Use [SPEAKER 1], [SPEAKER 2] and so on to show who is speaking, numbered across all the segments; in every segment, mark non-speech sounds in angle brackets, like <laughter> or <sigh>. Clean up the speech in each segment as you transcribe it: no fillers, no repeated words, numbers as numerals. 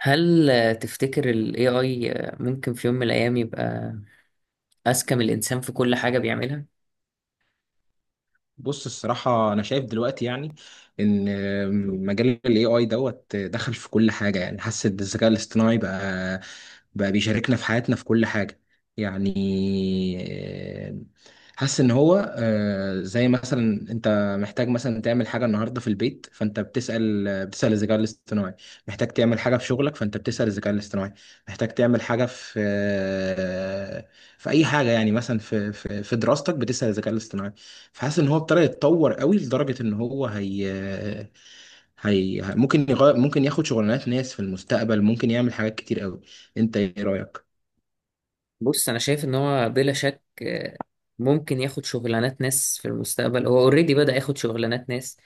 [SPEAKER 1] هل تفتكر ال AI ممكن في يوم من الأيام يبقى أذكى من الإنسان في كل حاجة بيعملها؟
[SPEAKER 2] بص، الصراحة أنا شايف دلوقتي، يعني إن مجال ال AI دوت دخل في كل حاجة. يعني حاسس إن الذكاء الاصطناعي بقى بيشاركنا في حياتنا في كل حاجة. يعني حاسس إن هو زي مثلا أنت محتاج مثلا تعمل حاجة النهاردة في البيت، فأنت بتسأل الذكاء الاصطناعي. محتاج تعمل حاجة في شغلك فأنت بتسأل الذكاء الاصطناعي. محتاج تعمل حاجة في في أي حاجة. يعني مثلا في دراستك بتسأل الذكاء الاصطناعي. فحاسس ان هو ابتدى يتطور قوي لدرجه ان هو هي ممكن يغير، ممكن ياخد شغلانات ناس في المستقبل، ممكن يعمل حاجات كتير قوي. انت ايه رايك؟
[SPEAKER 1] بص أنا شايف إن هو بلا شك، ممكن ياخد شغلانات ناس في المستقبل. هو أوريدي بدأ ياخد شغلانات ناس.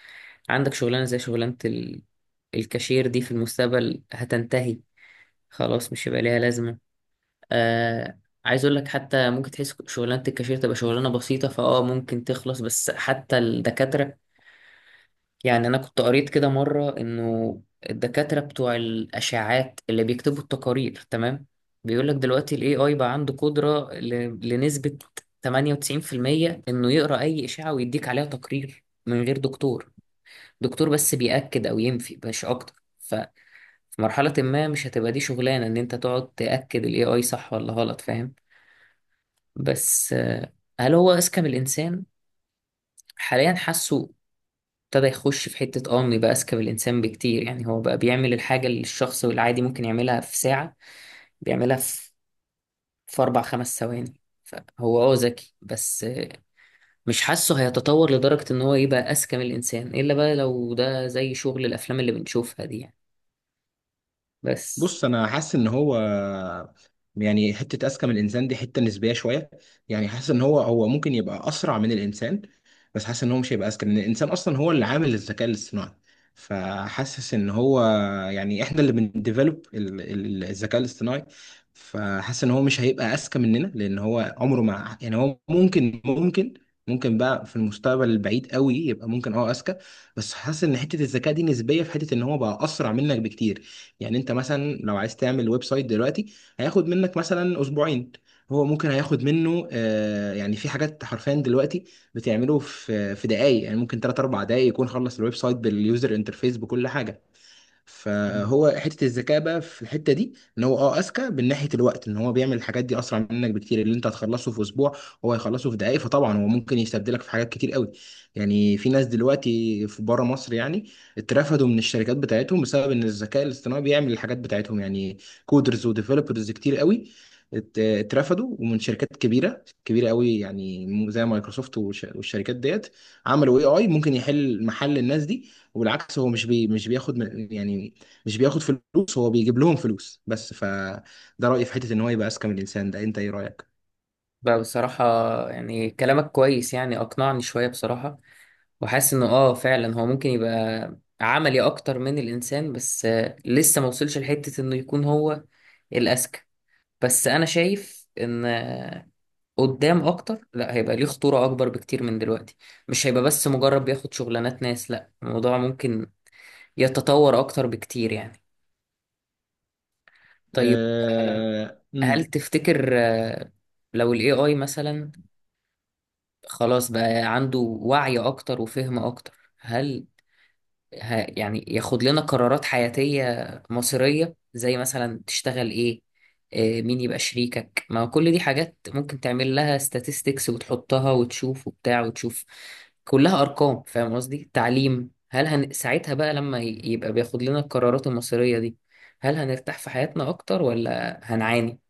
[SPEAKER 1] عندك شغلانة زي شغلانة الكاشير دي في المستقبل هتنتهي، خلاص مش هيبقى ليها لازمة. آه عايز أقول لك حتى ممكن تحس شغلانة الكاشير تبقى شغلانة بسيطة فأه ممكن تخلص، بس حتى الدكاترة، يعني أنا كنت قريت كده مرة إنه الدكاترة بتوع الأشعاعات اللي بيكتبوا التقارير، تمام؟ بيقول لك دلوقتي ال AI بقى عنده قدرة لنسبة 98% إنه يقرأ أي إشعة ويديك عليها تقرير من غير دكتور. دكتور بس بيأكد أو ينفي، مش أكتر. ففي مرحلة ما مش هتبقى دي شغلانة، إن أنت تقعد تأكد ال AI صح ولا غلط، فاهم؟ بس هل هو أذكى من الإنسان؟ حاليا حاسه ابتدى يخش في حتة، انه يبقى اذكى من الانسان بكتير. يعني هو بقى بيعمل الحاجة اللي الشخص العادي ممكن يعملها في ساعة، بيعملها في في اربع خمس ثواني. فهو ذكي، بس مش حاسه هيتطور لدرجة ان هو يبقى اذكى من الانسان، الا بقى لو ده زي شغل الافلام اللي بنشوفها دي يعني. بس
[SPEAKER 2] بص انا حاسس ان هو، يعني حته اذكى من الانسان دي حته نسبيه شويه. يعني حاسس ان هو ممكن يبقى اسرع من الانسان، بس حاسس ان هو مش هيبقى اذكى لان الانسان اصلا هو اللي عامل الذكاء الاصطناعي. فحاسس ان هو، يعني احنا اللي بنديفلوب الذكاء الاصطناعي. فحاسس ان هو مش هيبقى اذكى مننا لان هو عمره ما، يعني هو ممكن بقى في المستقبل البعيد قوي يبقى ممكن اه اذكى. بس حاسس ان حته الذكاء دي نسبيه في حته ان هو بقى اسرع منك بكتير. يعني انت مثلا لو عايز تعمل ويب سايت دلوقتي، هياخد منك مثلا اسبوعين. هو ممكن هياخد منه يعني في حاجات حرفيا دلوقتي بتعمله في دقايق. يعني ممكن 3 4 دقايق يكون خلص الويب سايت باليوزر انترفيس بكل حاجة. فهو حته الذكاء بقى في الحته دي ان هو اه اذكى من ناحيه الوقت. ان هو بيعمل الحاجات دي اسرع منك بكتير. اللي انت هتخلصه في اسبوع هو هيخلصه في دقائق. فطبعا هو ممكن يستبدلك في حاجات كتير قوي. يعني في ناس دلوقتي في بره مصر يعني اترفدوا من الشركات بتاعتهم بسبب ان الذكاء الاصطناعي بيعمل الحاجات بتاعتهم. يعني كودرز وديفلوبرز كتير قوي اترفدوا، ومن شركات كبيره كبيره قوي، يعني زي مايكروسوفت والشركات ديت. عملوا اي اي ممكن يحل محل الناس دي. وبالعكس هو مش بياخد يعني مش بياخد فلوس، هو بيجيب لهم فلوس بس. فده رأيي في حتة ان هو يبقى اذكى من الانسان ده. انت ايه رأيك؟
[SPEAKER 1] بقى بصراحة، يعني كلامك كويس، يعني أقنعني شوية بصراحة. وحاسس إنه آه فعلا هو ممكن يبقى عملي أكتر من الإنسان، بس لسه موصلش لحتة إنه يكون هو الأذكى. بس انا شايف ان قدام اكتر لا، هيبقى ليه خطورة اكبر بكتير من دلوقتي. مش هيبقى بس مجرد بياخد شغلانات ناس، لا الموضوع ممكن يتطور اكتر بكتير يعني. طيب، آه، هل
[SPEAKER 2] مم.
[SPEAKER 1] تفتكر لو الاي اي مثلا خلاص بقى عنده وعي اكتر وفهم اكتر، هل يعني ياخد لنا قرارات حياتية مصيرية، زي مثلا تشتغل ايه، مين يبقى شريكك؟ ما هو كل دي حاجات ممكن تعمل لها statistics وتحطها وتشوف وبتاع وتشوف، كلها أرقام، فاهم قصدي؟ تعليم، هل ساعتها بقى لما يبقى بياخد لنا القرارات المصيرية دي، هل هنرتاح في حياتنا أكتر ولا هنعاني؟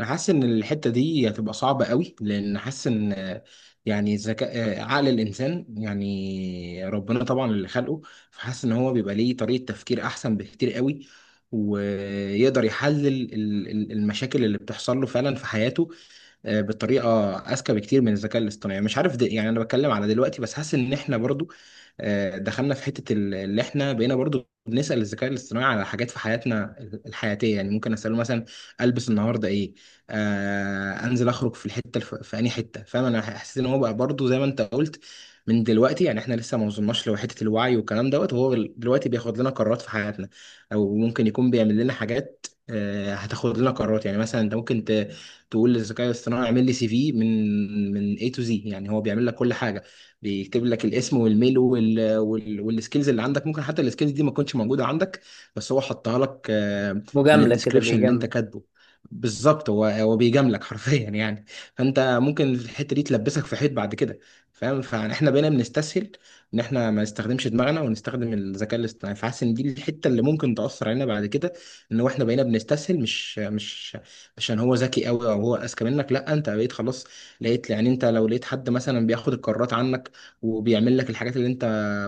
[SPEAKER 2] انا حاسس ان الحتة دي هتبقى صعبة قوي لان حاسس ان يعني ذكاء عقل الانسان يعني ربنا طبعا اللي خلقه. فحاسس ان هو بيبقى ليه طريقة تفكير احسن بكتير قوي، ويقدر يحلل المشاكل اللي بتحصل له فعلا في حياته بطريقه اذكى بكتير من الذكاء الاصطناعي. مش عارف ده، يعني انا بتكلم على دلوقتي. بس حاسس ان احنا برضو دخلنا في حته اللي احنا بقينا برضو بنسال الذكاء الاصطناعي على حاجات في حياتنا الحياتيه. يعني ممكن اساله مثلا البس النهارده ايه، انزل اخرج في في انهي حته. فاهم؟ انا حسيت ان هو بقى برضو زي ما انت قلت، من دلوقتي. يعني احنا لسه ما وصلناش لحته الوعي والكلام دوت، وهو دلوقتي بياخد لنا قرارات في حياتنا. او ممكن يكون بيعمل لنا حاجات هتاخد لنا قرارات. يعني مثلا انت ممكن تقول للذكاء الاصطناعي اعمل لي سي في من A to Z. يعني هو بيعمل لك كل حاجه. بيكتب لك الاسم والميل والسكيلز اللي عندك. ممكن حتى السكيلز دي ما تكونش موجوده عندك، بس هو حطها لك من
[SPEAKER 1] مجاملة كده،
[SPEAKER 2] الديسكريبشن اللي انت
[SPEAKER 1] بيجامل.
[SPEAKER 2] كاتبه. بالظبط. هو بيجاملك <laughs> حرفيا، يعني فانت ممكن في الحته دي تلبسك في حيط بعد كده. فاهم؟ فاحنا بقينا بنستسهل ان احنا ما نستخدمش دماغنا ونستخدم الذكاء الاصطناعي. فحاسس ان دي الحته اللي ممكن تاثر علينا بعد كده. ان احنا بقينا بنستسهل، مش عشان هو ذكي قوي او هو اذكى منك. لا، انت بقيت خلاص لقيت، يعني انت لو لقيت حد مثلا بياخد القرارات عنك وبيعمل لك الحاجات اللي انت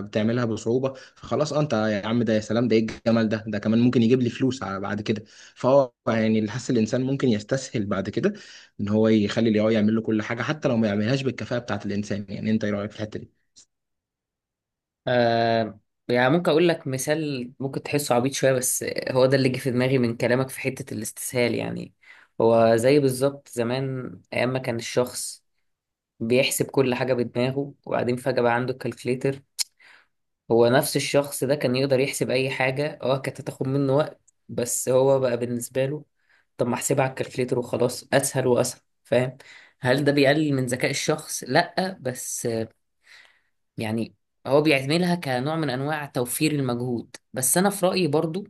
[SPEAKER 2] بتعملها بصعوبة، فخلاص انت يا عم ده، يا سلام ده ايه الجمال ده، ده كمان ممكن يجيب لي فلوس بعد كده. فهو يعني اللي حاسس الانسان ممكن يستسهل بعد كده ان هو يخلي الاي اي يعمل له كل حاجة حتى لو ما يعملهاش بالكفاءة بتاعت الانسان. يعني انت ايه رايك في الحتة دي؟
[SPEAKER 1] آه يعني ممكن اقول لك مثال ممكن تحسه عبيط شويه، بس هو ده اللي جه في دماغي من كلامك في حته الاستسهال. يعني هو زي بالظبط زمان، ايام ما كان الشخص بيحسب كل حاجه بدماغه، وبعدين فجاه بقى عنده الكالكليتر. هو نفس الشخص ده كان يقدر يحسب اي حاجه، كانت هتاخد منه وقت، بس هو بقى بالنسبه له، طب ما احسبها على الكالكليتر وخلاص، اسهل واسهل، فاهم؟ هل ده بيقلل من ذكاء الشخص؟ لا، بس يعني هو بيعملها كنوع من انواع توفير المجهود. بس انا في رأيي برضو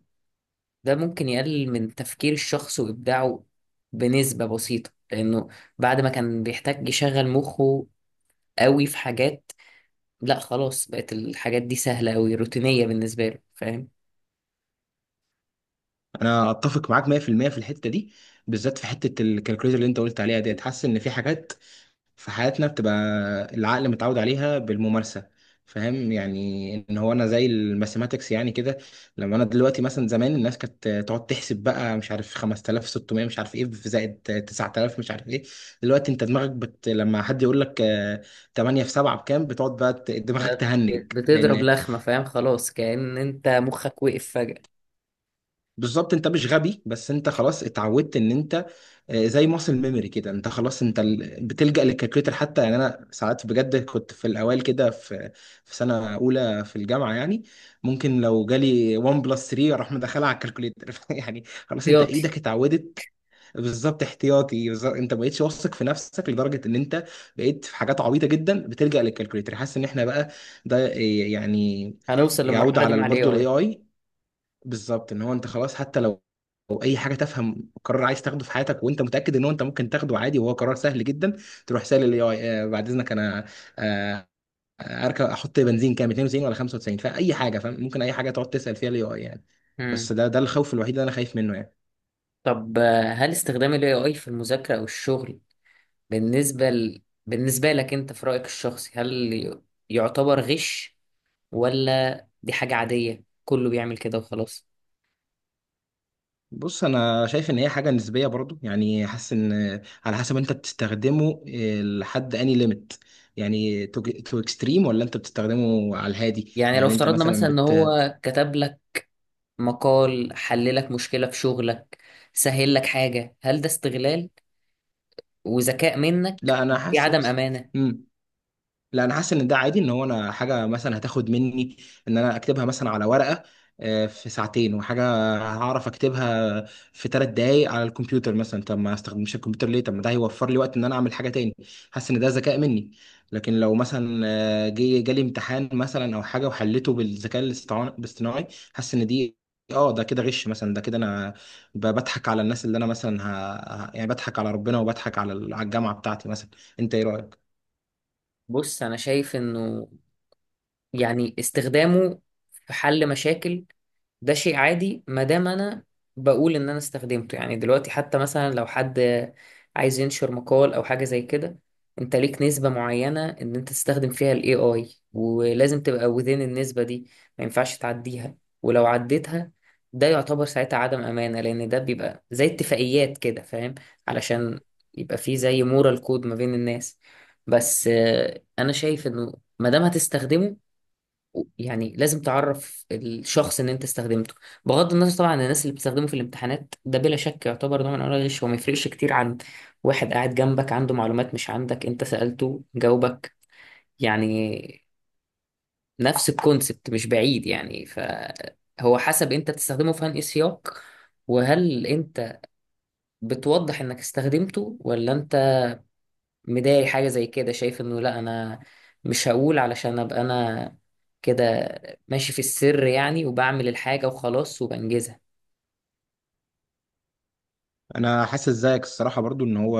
[SPEAKER 1] ده ممكن يقلل من تفكير الشخص وابداعه بنسبة بسيطة، لانه بعد ما كان بيحتاج يشغل مخه قوي في حاجات، لا خلاص بقت الحاجات دي سهلة قوي، روتينية بالنسبة له، فاهم؟
[SPEAKER 2] انا اتفق معاك 100% في المية في الحتة دي، بالذات في حتة الكالكوليتر اللي انت قلت عليها ديت. حاسس ان في حاجات في حياتنا بتبقى العقل متعود عليها بالممارسة. فاهم؟ يعني ان هو انا زي الماثيماتكس يعني كده. لما انا دلوقتي مثلا، زمان الناس كانت تقعد تحسب بقى مش عارف 5600 مش عارف ايه في زائد 9000 مش عارف ايه. دلوقتي انت لما حد يقول لك 8 في 7 بكام، بتقعد بقى دماغك
[SPEAKER 1] بقت
[SPEAKER 2] تهنج
[SPEAKER 1] بتضرب
[SPEAKER 2] لان
[SPEAKER 1] لخمة، فاهم، خلاص كأن انت مخك وقف فجأة.
[SPEAKER 2] بالظبط انت مش غبي. بس انت خلاص اتعودت ان انت زي ماسل ميموري كده. انت خلاص انت بتلجأ للكالكوليتر. حتى يعني انا ساعات بجد كنت في الاوائل كده، في في سنه اولى في الجامعه، يعني ممكن لو جالي 1 بلس 3 اروح مدخلها على الكالكوليتر <laughs> يعني خلاص انت
[SPEAKER 1] احتياطي.
[SPEAKER 2] ايدك اتعودت. بالظبط احتياطي. بالظبط انت ما بقتش واثق في نفسك لدرجه ان انت بقيت في حاجات عبيطه جدا بتلجأ للكالكوليتر. حاسس ان احنا بقى ده يعني
[SPEAKER 1] هنوصل
[SPEAKER 2] يعود
[SPEAKER 1] للمرحلة دي
[SPEAKER 2] على
[SPEAKER 1] مع الاي
[SPEAKER 2] برضه الاي
[SPEAKER 1] اي.
[SPEAKER 2] اي. بالظبط ان هو انت خلاص، حتى لو اي حاجه تفهم، قرار عايز تاخده في حياتك وانت متاكد ان هو انت ممكن تاخده عادي وهو قرار سهل جدا، تروح سال الاي اي. بعد اذنك انا آه، اركب احط بنزين كام 92 ولا 95، فاي حاجه. فاهم؟ ممكن اي حاجه تقعد تسال فيها الاي اي، يعني. بس
[SPEAKER 1] مم.
[SPEAKER 2] ده ده الخوف الوحيد اللي انا خايف منه يعني.
[SPEAKER 1] طب، هل استخدام الاي اي في المذاكرة او الشغل، بالنسبة لك أنت في رأيك الشخصي، هل يعتبر غش، ولا دي حاجة عادية كله بيعمل كده وخلاص؟
[SPEAKER 2] بص انا شايف ان هي حاجه نسبيه برضو. يعني حاسس ان على حسب انت بتستخدمه لحد اني ليميت، يعني تو اكستريم، ولا انت بتستخدمه على الهادي.
[SPEAKER 1] يعني لو
[SPEAKER 2] يعني انت
[SPEAKER 1] افترضنا
[SPEAKER 2] مثلا،
[SPEAKER 1] مثلا إن هو كتب لك مقال، حل لك مشكلة في شغلك، سهل لك حاجة، هل ده استغلال وذكاء منك،
[SPEAKER 2] لا انا
[SPEAKER 1] دي عدم
[SPEAKER 2] حاسس،
[SPEAKER 1] أمانة؟
[SPEAKER 2] مم. لا انا حاسس ان ده عادي ان هو انا حاجه مثلا هتاخد مني ان انا اكتبها مثلا على ورقه في ساعتين وحاجه، هعرف اكتبها في 3 دقايق على الكمبيوتر مثلا. طب ما استخدمش الكمبيوتر ليه؟ طب ما ده هيوفر لي وقت ان انا اعمل حاجه تاني. حاسس ان ده ذكاء مني. لكن لو مثلا جالي امتحان مثلا او حاجه وحلته بالذكاء الاصطناعي حاسس ان دي اه ده كده غش مثلا. ده كده انا بضحك على الناس، اللي انا مثلا يعني بضحك على ربنا وبضحك على الجامعه بتاعتي مثلا. انت ايه رايك؟
[SPEAKER 1] بص أنا شايف إنه يعني استخدامه في حل مشاكل ده شيء عادي، ما دام انا بقول ان انا استخدمته. يعني دلوقتي حتى مثلا لو حد عايز ينشر مقال او حاجه زي كده، انت ليك نسبه معينه ان انت تستخدم فيها الاي اي، ولازم تبقى within النسبه دي، ما ينفعش تعديها. ولو عديتها ده يعتبر ساعتها عدم امانه، لان ده بيبقى زي اتفاقيات كده، فاهم، علشان يبقى فيه زي مورال كود ما بين الناس. بس انا شايف انه ما دام هتستخدمه، يعني لازم تعرف الشخص ان انت استخدمته. بغض النظر طبعا عن الناس اللي بتستخدمه في الامتحانات، ده بلا شك يعتبر نوع من انواع الغش، هو ما يفرقش كتير عن واحد قاعد جنبك عنده معلومات مش عندك، انت سألته جاوبك، يعني نفس الكونسبت، مش بعيد يعني. فهو حسب انت تستخدمه في انهي سياق، وهل انت بتوضح انك استخدمته، ولا انت مضايق حاجة زي كده، شايف انه لا انا مش هقول علشان ابقى انا كده ماشي في السر، يعني وبعمل الحاجة وخلاص وبنجزها.
[SPEAKER 2] انا حاسس زيك الصراحه برضو ان هو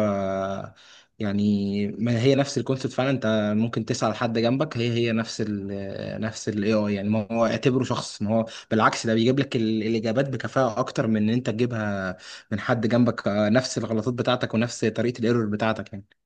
[SPEAKER 2] يعني ما هي نفس الكونسيبت فعلا. انت ممكن تسأل حد جنبك، هي نفس نفس الاي اي. يعني ما هو اعتبره شخص. ما هو بالعكس، ده بيجيب لك الاجابات بكفاءه اكتر من ان انت تجيبها من حد جنبك نفس الغلطات بتاعتك ونفس طريقه الايرور بتاعتك يعني.